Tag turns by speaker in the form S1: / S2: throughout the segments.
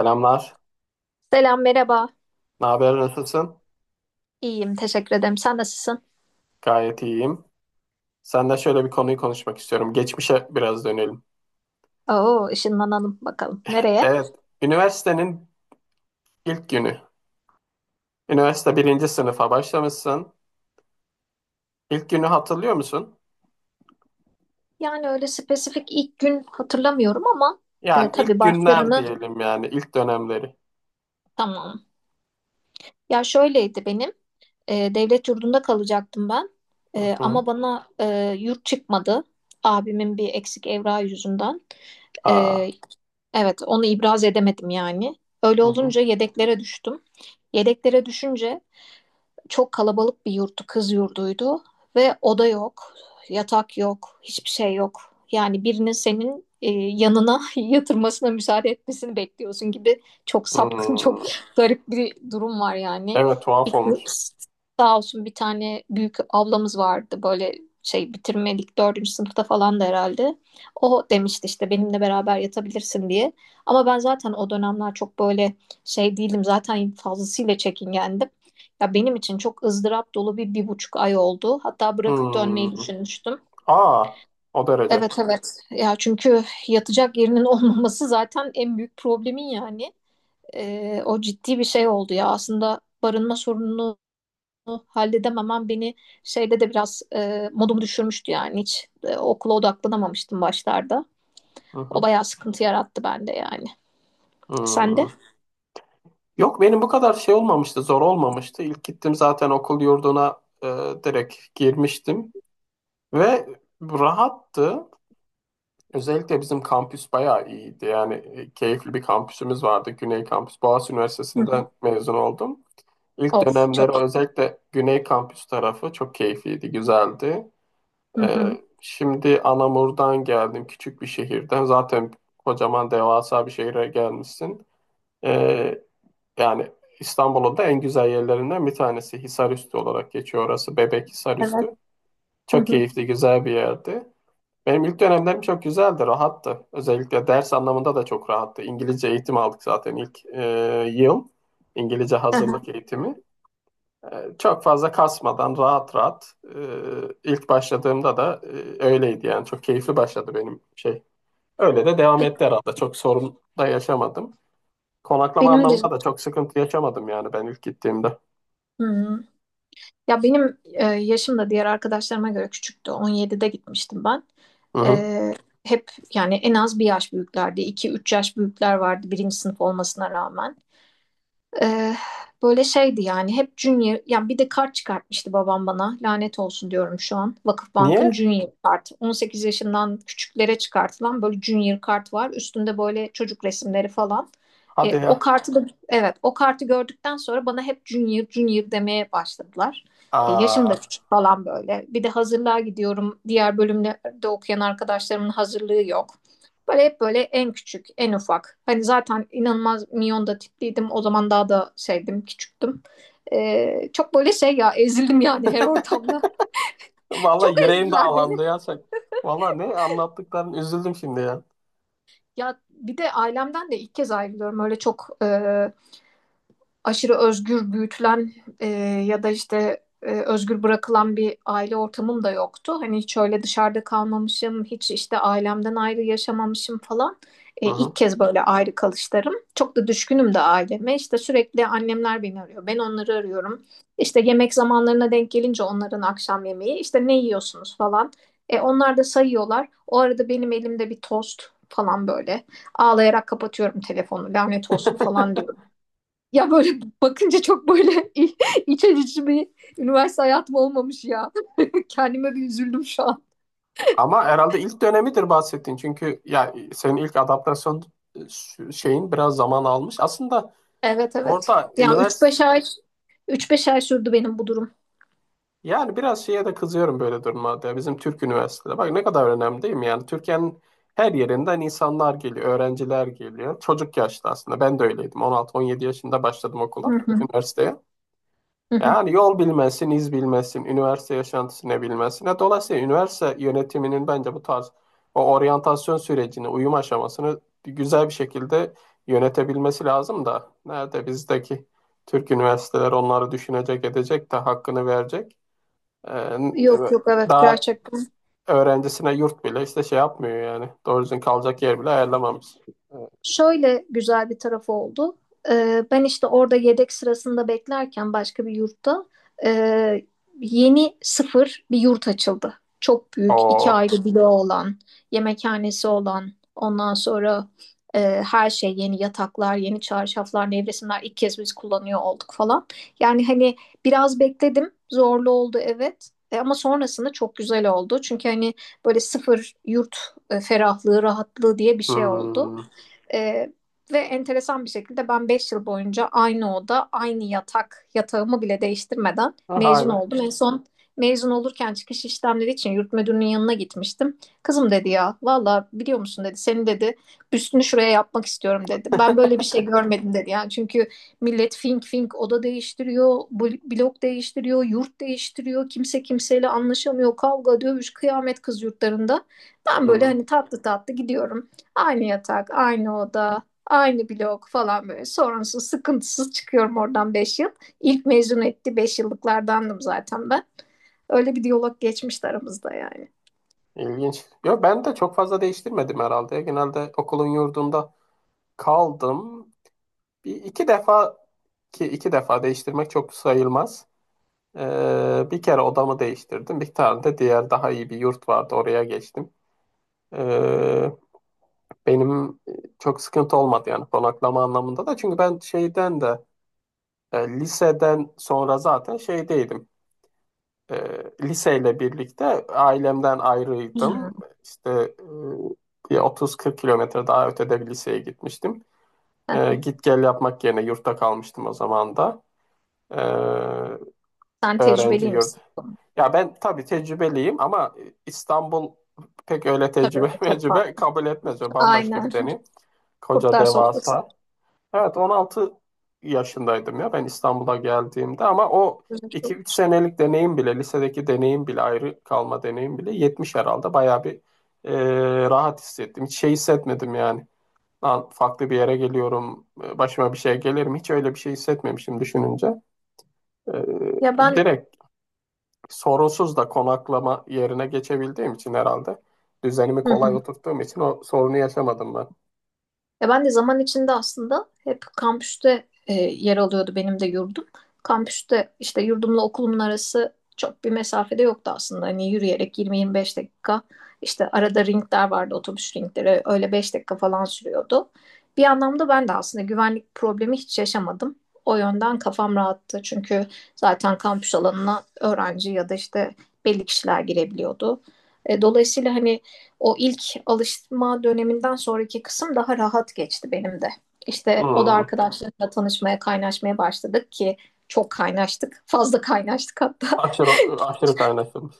S1: Selamlar.
S2: Selam, merhaba.
S1: Ne haber, nasılsın?
S2: İyiyim, teşekkür ederim. Sen nasılsın?
S1: Gayet iyiyim. Senden şöyle bir konuyu konuşmak istiyorum. Geçmişe biraz dönelim.
S2: Oo, ışınlanalım bakalım. Nereye?
S1: Evet, üniversitenin ilk günü. Üniversite birinci sınıfa başlamışsın. İlk günü hatırlıyor musun?
S2: Yani öyle spesifik ilk gün hatırlamıyorum ama
S1: Yani
S2: tabii
S1: ilk günler
S2: başlarını
S1: diyelim, yani ilk dönemleri.
S2: tamam. Ya şöyleydi benim. Devlet yurdunda kalacaktım ben.
S1: Hı
S2: Ama
S1: hı.
S2: bana yurt çıkmadı. Abimin bir eksik evrağı yüzünden.
S1: Aa.
S2: E, evet, onu ibraz edemedim yani. Öyle
S1: Hı hı.
S2: olunca yedeklere düştüm. Yedeklere düşünce çok kalabalık bir yurttu, kız yurduydu ve oda yok, yatak yok, hiçbir şey yok. Yani birinin senin yanına yatırmasına müsaade etmesini bekliyorsun gibi, çok sapkın, çok
S1: Hmm.
S2: garip bir durum var yani.
S1: Evet, tuhaf
S2: Bir,
S1: olmuş.
S2: sağ olsun bir tane büyük ablamız vardı, böyle şey bitirmedik dördüncü sınıfta falan da herhalde. O demişti işte benimle beraber yatabilirsin diye. Ama ben zaten o dönemler çok böyle şey değildim. Zaten fazlasıyla çekingendim. Ya benim için çok ızdırap dolu bir buçuk ay oldu. Hatta bırakıp
S1: Hmm.
S2: dönmeyi düşünmüştüm.
S1: Aa, o derece.
S2: Evet, evet. Ya çünkü yatacak yerinin olmaması zaten en büyük problemin yani. O ciddi bir şey oldu ya. Aslında barınma sorununu halledememem beni şeyde de biraz modumu düşürmüştü yani. Hiç okula odaklanamamıştım başlarda.
S1: Hı
S2: O
S1: hı.
S2: bayağı sıkıntı yarattı bende yani. Sen de?
S1: Hmm. Yok, benim bu kadar şey olmamıştı, zor olmamıştı. İlk gittim zaten okul yurduna, direkt girmiştim ve rahattı. Özellikle bizim kampüs bayağı iyiydi. Yani keyifli bir kampüsümüz vardı. Güney Kampüs, Boğaziçi
S2: Hı hı.
S1: Üniversitesi'nden mezun oldum. İlk
S2: Of,
S1: dönemleri
S2: çok iyi.
S1: özellikle Güney Kampüs tarafı çok keyifliydi, güzeldi.
S2: Hı
S1: E,
S2: hı.
S1: Şimdi Anamur'dan geldim, küçük bir şehirden. Zaten kocaman devasa bir şehire gelmişsin. E, Yani İstanbul'un da en güzel yerlerinden bir tanesi. Hisarüstü olarak geçiyor orası. Bebek
S2: Evet.
S1: Hisarüstü.
S2: Hı
S1: Çok
S2: hı.
S1: keyifli, güzel bir yerdi. Benim ilk dönemlerim çok güzeldi, rahattı. Özellikle ders anlamında da çok rahattı. İngilizce eğitim aldık zaten ilk yıl. İngilizce
S2: Aha.
S1: hazırlık eğitimi. E, Çok fazla kasmadan, rahat rahat ilk başladığımda da öyleydi yani. Çok keyifli başladı benim şey. Öyle de devam etti herhalde. Çok sorun da yaşamadım. Konaklama
S2: Benim de.
S1: anlamında da çok sıkıntı yaşamadım yani, ben ilk gittiğimde.
S2: Hı hı. Ya benim yaşım da diğer arkadaşlarıma göre küçüktü. 17'de gitmiştim ben.
S1: Hı hı.
S2: E, hep yani en az bir yaş büyüklerdi. 2 üç yaş büyükler vardı birinci sınıf olmasına rağmen. Ee, böyle şeydi yani, hep Junior. Yani bir de kart çıkartmıştı babam bana, lanet olsun diyorum şu an. Vakıfbank'ın
S1: Niye?
S2: Junior kartı, 18 yaşından küçüklere çıkartılan, böyle Junior kart var, üstünde böyle çocuk resimleri falan. Ee,
S1: Hadi
S2: o
S1: ya.
S2: kartı da, evet, o kartı gördükten sonra bana hep Junior Junior demeye başladılar. Yaşım da
S1: Aa.
S2: küçük falan, böyle bir de hazırlığa gidiyorum, diğer bölümlerde okuyan arkadaşlarımın hazırlığı yok. Böyle hep böyle en küçük, en ufak. Hani zaten inanılmaz minyon da tipliydim. O zaman daha da şeydim, küçüktüm. Çok böyle şey, ya ezildim yani her ortamda. Çok
S1: Vallahi yüreğim
S2: ezdiler beni.
S1: dağlandı ya sen. Vallahi ne anlattıkların, üzüldüm şimdi ya.
S2: Ya bir de ailemden de ilk kez ayrılıyorum. Öyle çok aşırı özgür büyütülen, e, ya da işte özgür bırakılan bir aile ortamım da yoktu. Hani hiç öyle dışarıda kalmamışım, hiç işte ailemden ayrı yaşamamışım falan. E,
S1: Hı
S2: ilk
S1: hı.
S2: kez böyle ayrı kalışlarım. Çok da düşkünüm de aileme. İşte sürekli annemler beni arıyor, ben onları arıyorum. İşte yemek zamanlarına denk gelince onların akşam yemeği, işte ne yiyorsunuz falan. Onlar da sayıyorlar. O arada benim elimde bir tost falan böyle. Ağlayarak kapatıyorum telefonu, lanet olsun falan diyorum. Ya böyle bakınca çok böyle iç açıcı bir üniversite hayatım olmamış ya. Kendime bir üzüldüm şu an.
S1: Ama herhalde ilk dönemidir bahsettiğin. Çünkü ya senin ilk adaptasyon şeyin biraz zaman almış. Aslında
S2: Evet, evet.
S1: orada
S2: Ya üç
S1: üniversite,
S2: beş ay üç beş ay sürdü benim bu durum.
S1: yani biraz şeye de kızıyorum böyle durumlarda, ya. Bizim Türk üniversitede bak ne kadar önemli, değil mi? Yani Türkiye'nin her yerinden insanlar geliyor, öğrenciler geliyor. Çocuk yaşta aslında. Ben de öyleydim. 16-17 yaşında başladım okula,
S2: Hı hı,
S1: üniversiteye.
S2: hı hı.
S1: Yani yol bilmesin, iz bilmesin, üniversite yaşantısını bilmesin. Ya, dolayısıyla üniversite yönetiminin bence bu tarz o oryantasyon sürecini, uyum aşamasını güzel bir şekilde yönetebilmesi lazım da nerede bizdeki Türk üniversiteler onları düşünecek, edecek de hakkını verecek. Ee,
S2: Yok, yok, evet,
S1: Daha
S2: gerçekten.
S1: öğrencisine yurt bile işte şey yapmıyor yani. Doğru düzgün kalacak yer bile ayarlamamış.
S2: Şöyle güzel bir tarafı oldu. Ben işte orada yedek sırasında beklerken, başka bir yurtta e, yeni, sıfır bir yurt açıldı. Çok büyük, iki
S1: O.
S2: ayrı bloğu olan, yemekhanesi olan, ondan sonra e, her şey yeni: yataklar, yeni çarşaflar, nevresimler, ilk kez biz kullanıyor olduk falan. Yani hani biraz bekledim, zorlu oldu, evet. Ama sonrasında çok güzel oldu. Çünkü hani böyle sıfır yurt ferahlığı, rahatlığı diye bir şey oldu.
S1: Hmm.
S2: Ee, ve enteresan bir şekilde ben 5 yıl boyunca aynı oda, aynı yatak, yatağımı bile değiştirmeden
S1: Vay
S2: mezun
S1: be.
S2: oldum. En son mezun olurken çıkış işlemleri için yurt müdürünün yanına gitmiştim. Kızım, dedi, ya valla biliyor musun, dedi, seni, dedi, büstünü şuraya yapmak istiyorum, dedi. Ben böyle bir şey görmedim, dedi. Yani çünkü millet fink fink oda değiştiriyor, blok değiştiriyor, yurt değiştiriyor. Kimse kimseyle anlaşamıyor, kavga, dövüş, kıyamet kız yurtlarında. Ben böyle
S1: Hmm.
S2: hani tatlı tatlı gidiyorum. Aynı yatak, aynı oda, aynı blok falan böyle. Sorunsuz, sıkıntısız çıkıyorum oradan 5 yıl. İlk mezun etti 5 yıllıklardandım zaten ben. Öyle bir diyalog geçmişti aramızda yani.
S1: İlginç. Yo, ben de çok fazla değiştirmedim herhalde. Genelde okulun yurdunda kaldım. Bir iki defa, ki iki defa değiştirmek çok sayılmaz. Bir kere odamı değiştirdim. Bir tane de diğer, daha iyi bir yurt vardı. Oraya geçtim. Ee, Benim çok sıkıntı olmadı yani konaklama anlamında da. Çünkü ben şeyden de liseden sonra zaten şeydeydim. e, Liseyle birlikte ailemden
S2: Hmm.
S1: ayrıydım.
S2: Hı
S1: İşte bir 30-40 kilometre daha ötede bir liseye gitmiştim.
S2: hı.
S1: Git gel yapmak yerine yurtta kalmıştım o zaman da. E,
S2: Sen
S1: Öğrenci
S2: tecrübeli
S1: yurdu.
S2: misin?
S1: Ya ben tabii tecrübeliyim, ama İstanbul pek öyle
S2: Tabii, o
S1: tecrübe
S2: çok
S1: mecrübe
S2: farklı.
S1: kabul etmez. O bambaşka
S2: Aynen.
S1: bir deneyim. Koca
S2: Kurtlar sofrası.
S1: devasa. Evet, 16 yaşındaydım ya ben İstanbul'a geldiğimde, ama o iki üç senelik deneyim bile, lisedeki deneyim bile, ayrı kalma deneyim bile 70 herhalde, bayağı bir rahat hissettim. Hiç şey hissetmedim yani. Lan, farklı bir yere geliyorum, başıma bir şey gelir mi? Hiç öyle bir şey hissetmemişim düşününce. E,
S2: Ya ben
S1: Direkt sorunsuz da konaklama yerine geçebildiğim için, herhalde düzenimi
S2: Hı
S1: kolay
S2: hı.
S1: oturttuğum için o sorunu yaşamadım ben.
S2: Ya ben de zaman içinde aslında hep kampüste yer alıyordu benim de yurdum. Kampüste işte yurdumla okulumun arası çok bir mesafede yoktu aslında. Hani yürüyerek 20-25 dakika, işte arada ringler vardı, otobüs ringleri öyle 5 dakika falan sürüyordu. Bir anlamda ben de aslında güvenlik problemi hiç yaşamadım. O yönden kafam rahattı, çünkü zaten kampüs alanına öğrenci ya da işte belli kişiler girebiliyordu. Dolayısıyla hani o ilk alışma döneminden sonraki kısım daha rahat geçti benim de. İşte o da
S1: Hmm.
S2: arkadaşlarımla tanışmaya, kaynaşmaya başladık ki çok kaynaştık. Fazla kaynaştık hatta,
S1: Aşırı, aşırı kaynaşılmış.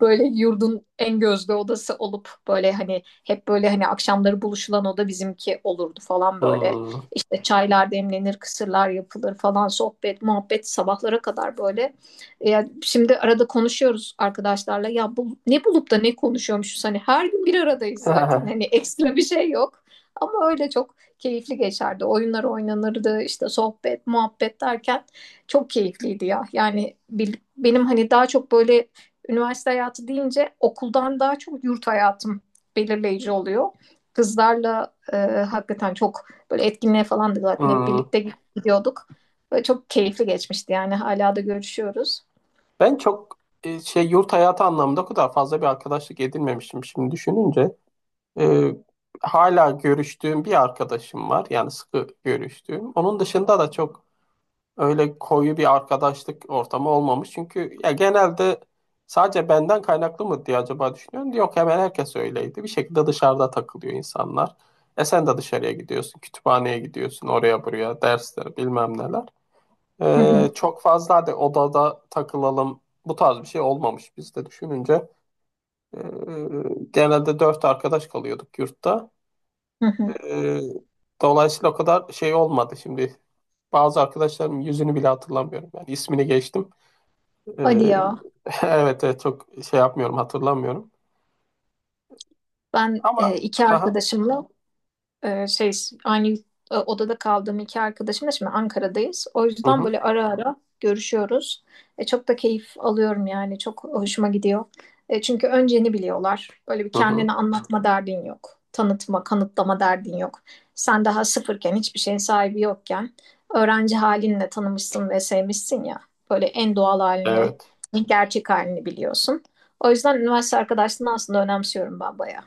S2: böyle yurdun en gözde odası olup, böyle hani hep böyle hani akşamları buluşulan oda bizimki olurdu falan böyle.
S1: Hmm.
S2: İşte çaylar demlenir, kısırlar yapılır falan, sohbet, muhabbet sabahlara kadar böyle. Yani şimdi arada konuşuyoruz arkadaşlarla, ya bu, ne bulup da ne konuşuyormuşuz, hani her gün bir aradayız zaten, hani ekstra bir şey yok. Ama öyle çok keyifli geçerdi. Oyunlar oynanırdı, işte sohbet, muhabbet derken çok keyifliydi ya. Yani benim hani daha çok böyle üniversite hayatı deyince okuldan daha çok yurt hayatım belirleyici oluyor. Kızlarla hakikaten çok böyle etkinliğe falan da zaten hep
S1: Hmm.
S2: birlikte gidiyorduk. Böyle çok keyifli geçmişti yani, hala da görüşüyoruz.
S1: Ben çok şey, yurt hayatı anlamında o kadar fazla bir arkadaşlık edinmemişim şimdi düşününce. E, Hala görüştüğüm bir arkadaşım var. Yani sıkı görüştüğüm. Onun dışında da çok öyle koyu bir arkadaşlık ortamı olmamış. Çünkü ya genelde, sadece benden kaynaklı mı diye acaba düşünüyorum. Yok, hemen herkes öyleydi. Bir şekilde dışarıda takılıyor insanlar. Sen de dışarıya gidiyorsun, kütüphaneye gidiyorsun, oraya buraya, dersler bilmem neler.
S2: Hı hı,
S1: Çok fazla hadi odada takılalım, bu tarz bir şey olmamış bizde düşününce. Ee, Genelde dört arkadaş kalıyorduk yurtta.
S2: hı hı.
S1: Ee, Dolayısıyla o kadar şey olmadı şimdi. Bazı arkadaşlarım yüzünü bile hatırlamıyorum. Yani ismini geçtim.
S2: Hadi
S1: Ee,
S2: ya.
S1: evet, evet, çok şey yapmıyorum, hatırlamıyorum.
S2: Ben e,
S1: Ama
S2: iki
S1: hı
S2: arkadaşımla Ee, şey aynı odada kaldığım iki arkadaşım da şimdi Ankara'dayız. O
S1: hı, hı
S2: yüzden böyle
S1: hı,
S2: ara ara görüşüyoruz. Çok da keyif alıyorum yani. Çok hoşuma gidiyor. Çünkü önceni biliyorlar. Böyle bir
S1: hı
S2: kendini
S1: hı,
S2: anlatma derdin yok. Tanıtma, kanıtlama derdin yok. Sen daha sıfırken, hiçbir şeyin sahibi yokken öğrenci halinle tanımışsın ve sevmişsin ya. Böyle en doğal halini,
S1: evet.
S2: en gerçek halini biliyorsun. O yüzden üniversite arkadaşlığını aslında önemsiyorum ben bayağı.